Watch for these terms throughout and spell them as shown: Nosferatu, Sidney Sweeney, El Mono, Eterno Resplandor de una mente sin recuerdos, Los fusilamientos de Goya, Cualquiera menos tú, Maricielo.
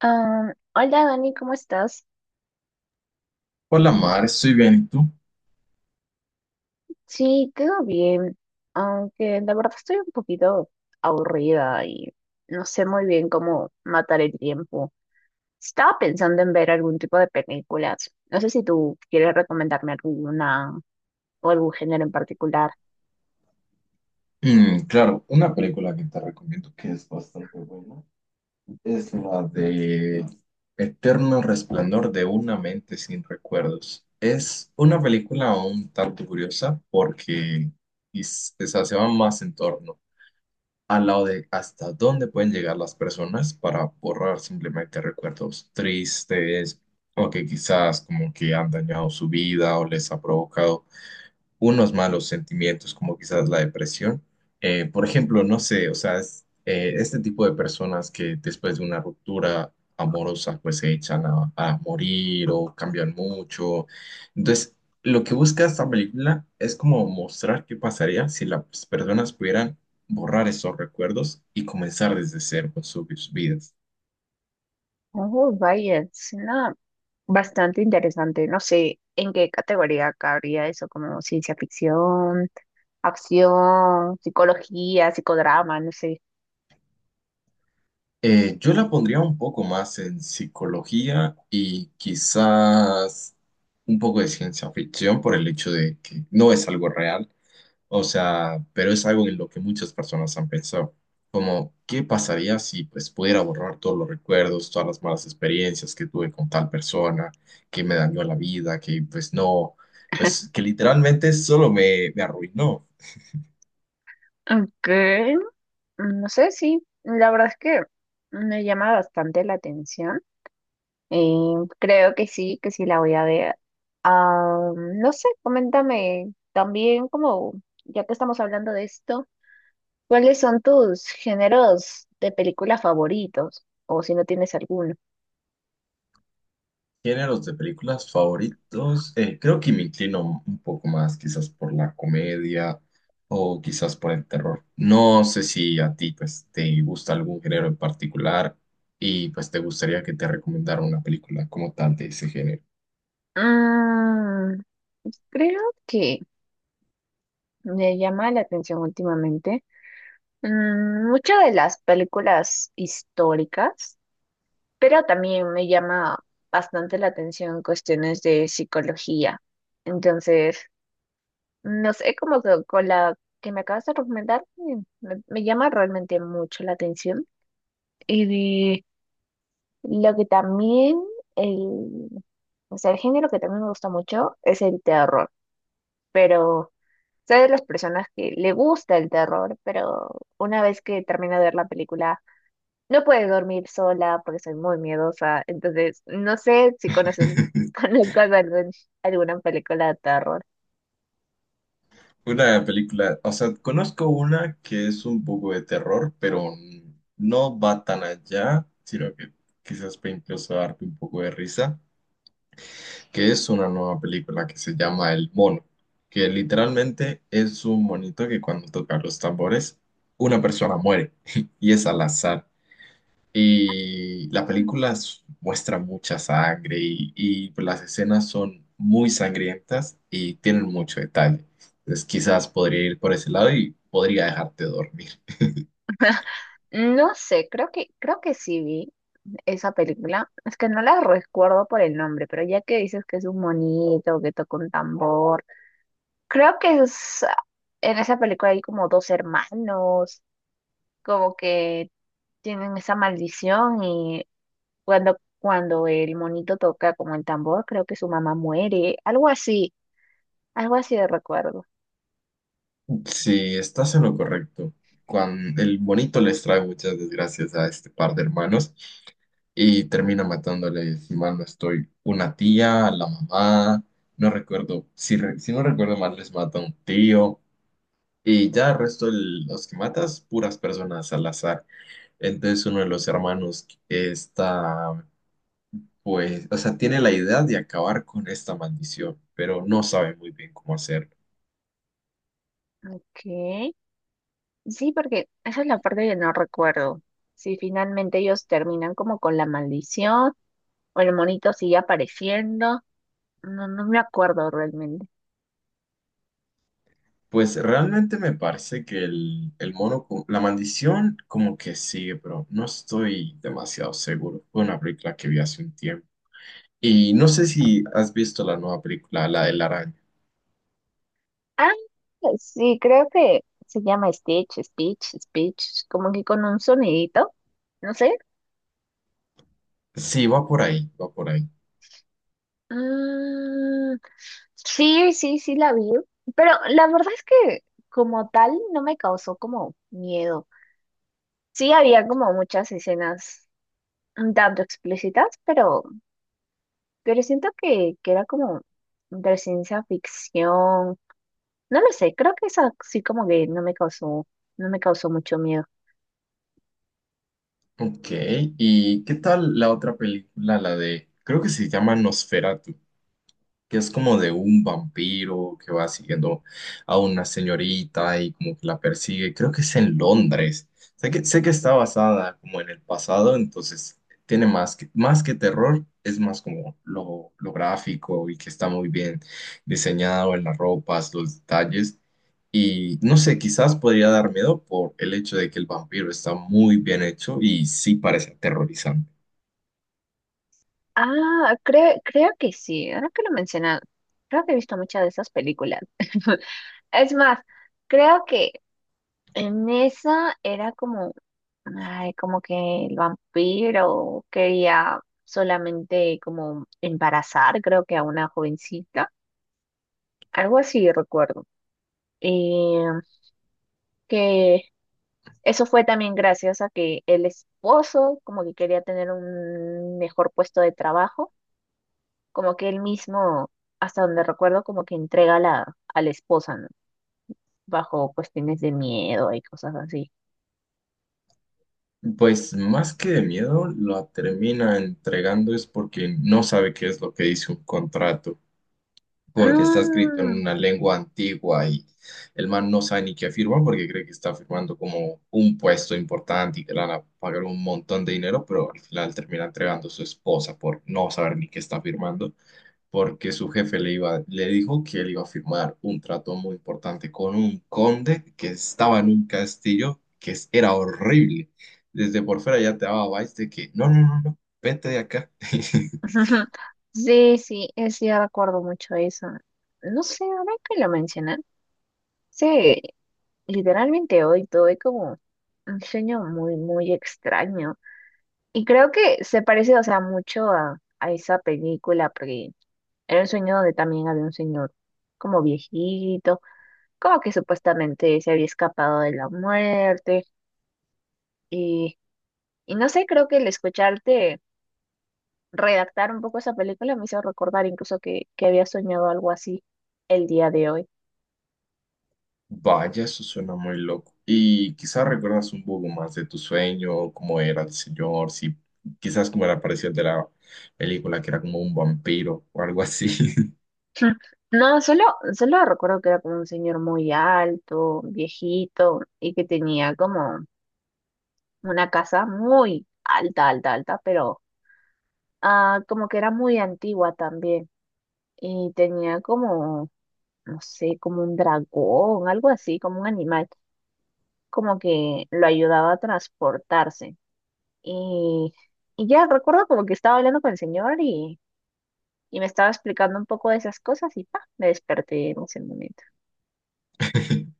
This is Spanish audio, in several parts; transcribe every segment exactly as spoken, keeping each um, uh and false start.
Ah, hola Dani, ¿cómo estás? Hola Mar, estoy bien, ¿y tú? Sí, todo bien, aunque la verdad estoy un poquito aburrida y no sé muy bien cómo matar el tiempo. Estaba pensando en ver algún tipo de películas. No sé si tú quieres recomendarme alguna o algún género en particular. Mm, claro, una película que te recomiendo que es bastante buena es la de Eterno Resplandor de una mente sin recuerdos. Es una película un tanto curiosa porque is- o se va más en torno al lado de hasta dónde pueden llegar las personas para borrar simplemente recuerdos tristes o que quizás como que han dañado su vida o les ha provocado unos malos sentimientos, como quizás la depresión. Eh, por ejemplo, no sé, o sea, es, eh, este tipo de personas que después de una ruptura amorosa, pues se echan a, a morir o cambian mucho. Entonces, lo que busca esta película es como mostrar qué pasaría si las personas pudieran borrar esos recuerdos y comenzar desde cero con sus vidas. Oh, vaya, suena bastante interesante. No sé en qué categoría cabría eso, como ciencia ficción, acción, psicología, psicodrama, no sé. Eh, yo la pondría un poco más en psicología y quizás un poco de ciencia ficción por el hecho de que no es algo real, o sea, pero es algo en lo que muchas personas han pensado, como qué pasaría si pues pudiera borrar todos los recuerdos, todas las malas experiencias que tuve con tal persona, que me dañó la vida, que pues no, pues que literalmente solo me, me arruinó. Ok. Mm, No sé, sí, la verdad es que me llama bastante la atención. Eh, creo que sí, que sí la voy a ver. Ah, no sé, coméntame también, como ya que estamos hablando de esto, ¿cuáles son tus géneros de película favoritos? O si no tienes alguno. Géneros de películas favoritos, eh, creo que me inclino un poco más quizás por la comedia o quizás por el terror. No sé si a ti pues te gusta algún género en particular y pues te gustaría que te recomendara una película como tal de ese género. Mm, creo que me llama la atención últimamente. Mm, muchas de las películas históricas. Pero también me llama bastante la atención cuestiones de psicología. Entonces, no sé, como que con la que me acabas de recomendar, mm, me, me llama realmente mucho la atención. Y lo que también, el, o sea, el género que también me gusta mucho es el terror. Pero soy de las personas que le gusta el terror, pero una vez que termino de ver la película no puedes dormir sola porque soy muy miedosa. Entonces, no sé si conoces conozcas algún- alguna película de terror. Una película, o sea, conozco una que es un poco de terror, pero no va tan allá, sino que quizás puede incluso darte un poco de risa, que es una nueva película que se llama El Mono, que literalmente es un monito que cuando toca los tambores, una persona muere y es al azar. Y la película s- muestra mucha sangre y, y pues las escenas son muy sangrientas y tienen mucho detalle. Entonces quizás podría ir por ese lado y podría dejarte dormir. No sé, creo que, creo que sí vi esa película. Es que no la recuerdo por el nombre, pero ya que dices que es un monito, que toca un tambor, creo que es, en esa película hay como dos hermanos, como que tienen esa maldición y cuando, cuando el monito toca como el tambor, creo que su mamá muere, algo así. Algo así de recuerdo. Si estás en lo correcto, cuando el monito les trae muchas desgracias a este par de hermanos, y termina matándole, si mal no estoy, una tía, la mamá, no recuerdo, si, re- si no recuerdo mal, les mata un tío. Y ya el resto de los que matas, puras personas al azar. Entonces uno de los hermanos está, pues, o sea, tiene la idea de acabar con esta maldición, pero no sabe muy bien cómo hacerlo. Ok. Sí, porque esa es la parte que no recuerdo. Si finalmente ellos terminan como con la maldición o el monito sigue apareciendo. No, no me acuerdo realmente. Pues realmente me parece que el, el mono, co- la maldición como que sigue, pero no estoy demasiado seguro. Fue una película que vi hace un tiempo. Y no sé si has visto la nueva película, la de la araña. Ah, sí, creo que se llama Stitch, Stitch, Stitch, como que con un sonidito. No sé. Sí, va por ahí, va por ahí. Mm, sí, sí, sí la vi. Pero la verdad es que como tal no me causó como miedo. Sí había como muchas escenas un tanto explícitas, pero, pero siento que, que era como de ciencia ficción. No lo sé, creo que esa sí como que no me causó, no me causó mucho miedo. Ok, ¿y qué tal la otra película, la de, creo que se llama Nosferatu? Que es como de un vampiro que va siguiendo a una señorita y como que la persigue. Creo que es en Londres. Sé que, sé que está basada como en el pasado, entonces tiene más que, más que terror, es más como lo, lo gráfico y que está muy bien diseñado en las ropas, los detalles. Y no sé, quizás podría dar miedo por el hecho de que el vampiro está muy bien hecho y sí parece aterrorizante. Ah, creo, creo que sí, ahora que lo mencionas, creo que he visto muchas de esas películas. Es más, creo que en esa era como, ay, como que el vampiro quería solamente como embarazar, creo que a una jovencita, algo así recuerdo. eh, que eso fue también gracias a que el esposo como que quería tener un mejor puesto de trabajo, como que él mismo, hasta donde recuerdo, como que entrega a la, a la esposa, ¿no? Bajo cuestiones de miedo y cosas así. Pues más que de miedo, la termina entregando es porque no sabe qué es lo que dice un contrato, porque está escrito en Mm. una lengua antigua, y el man no sabe ni qué afirma porque cree que está firmando como un puesto importante y que le van a pagar un montón de dinero, pero al final termina entregando a su esposa por no saber ni qué está firmando, porque su jefe le iba, le dijo que él iba a firmar un trato muy importante con un conde que estaba en un castillo que es- era horrible. Desde por fuera ya te daba vibes de que, no, no, no, no, vete de acá. Sí, sí, eh, sí, recuerdo mucho eso. No sé, ahora que lo mencionan, sí, literalmente hoy tuve como un sueño muy, muy extraño. Y creo que se parece, o sea, mucho a, a esa película, porque era un sueño donde también había un señor como viejito, como que supuestamente se había escapado de la muerte. Y, y no sé, creo que el escucharte redactar un poco esa película me hizo recordar incluso que, que había soñado algo así el día de hoy. Vaya, eso suena muy loco. Y quizás recuerdas un poco más de tu sueño, cómo era el señor, si quizás cómo era parecido al de la película, que era como un vampiro o algo así. No, solo, solo recuerdo que era como un señor muy alto, viejito, y que tenía como una casa muy alta, alta, alta, pero ah, como que era muy antigua también y tenía como, no sé, como un dragón, algo así, como un animal, como que lo ayudaba a transportarse. Y, y ya recuerdo como que estaba hablando con el señor y, y me estaba explicando un poco de esas cosas y pa, me desperté en ese momento.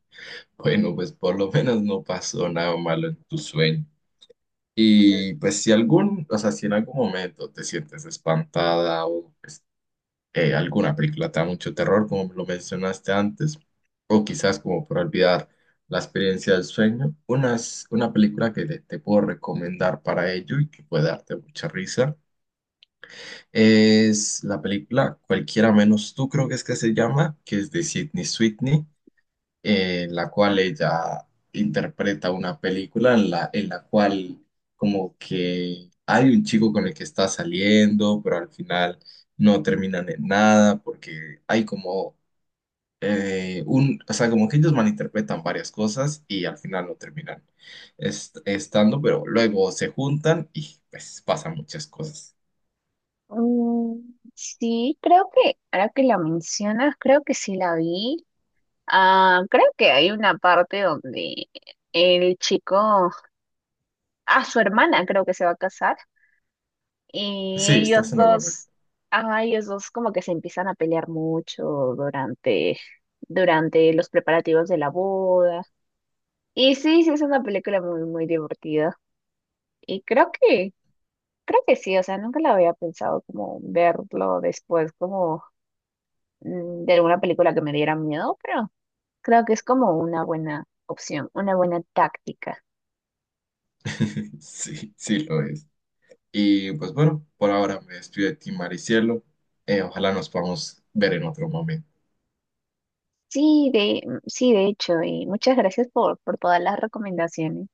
Bueno, pues por lo menos no pasó nada malo en tu sueño. Y pues si algún, o sea, si en algún momento te sientes espantada o pues, eh, alguna película te da mucho terror, como lo mencionaste antes, o quizás como por olvidar la experiencia del sueño, unas, una película que te, te puedo recomendar para ello y que puede darte mucha risa es la película Cualquiera menos tú, creo que es que se llama, que es de Sidney Sweeney, en la cual ella interpreta una película en la, en la cual como que hay un chico con el que está saliendo, pero al final no terminan en nada porque hay como eh, un, o sea, como que ellos malinterpretan varias cosas y al final no terminan est- estando, pero luego se juntan y pues pasan muchas cosas. Mm, sí, creo que, ahora que la mencionas, creo que sí la vi. Ah, creo que hay una parte donde el chico, ah, su hermana creo que se va a casar y Sí, estás ellos en lo correcto. dos, ah, ellos dos como que se empiezan a pelear mucho durante, durante los preparativos de la boda. Y sí, sí, es una película muy, muy divertida. Y creo que, creo que sí, o sea, nunca la había pensado como verlo después como mm, de alguna película que me diera miedo, pero creo que es como una buena opción, una buena táctica. Sí, sí lo es. Y pues bueno, por ahora me despido de ti, Maricielo. Eh, ojalá nos podamos ver en otro momento. Sí, de, sí, de hecho, y muchas gracias por, por todas las recomendaciones.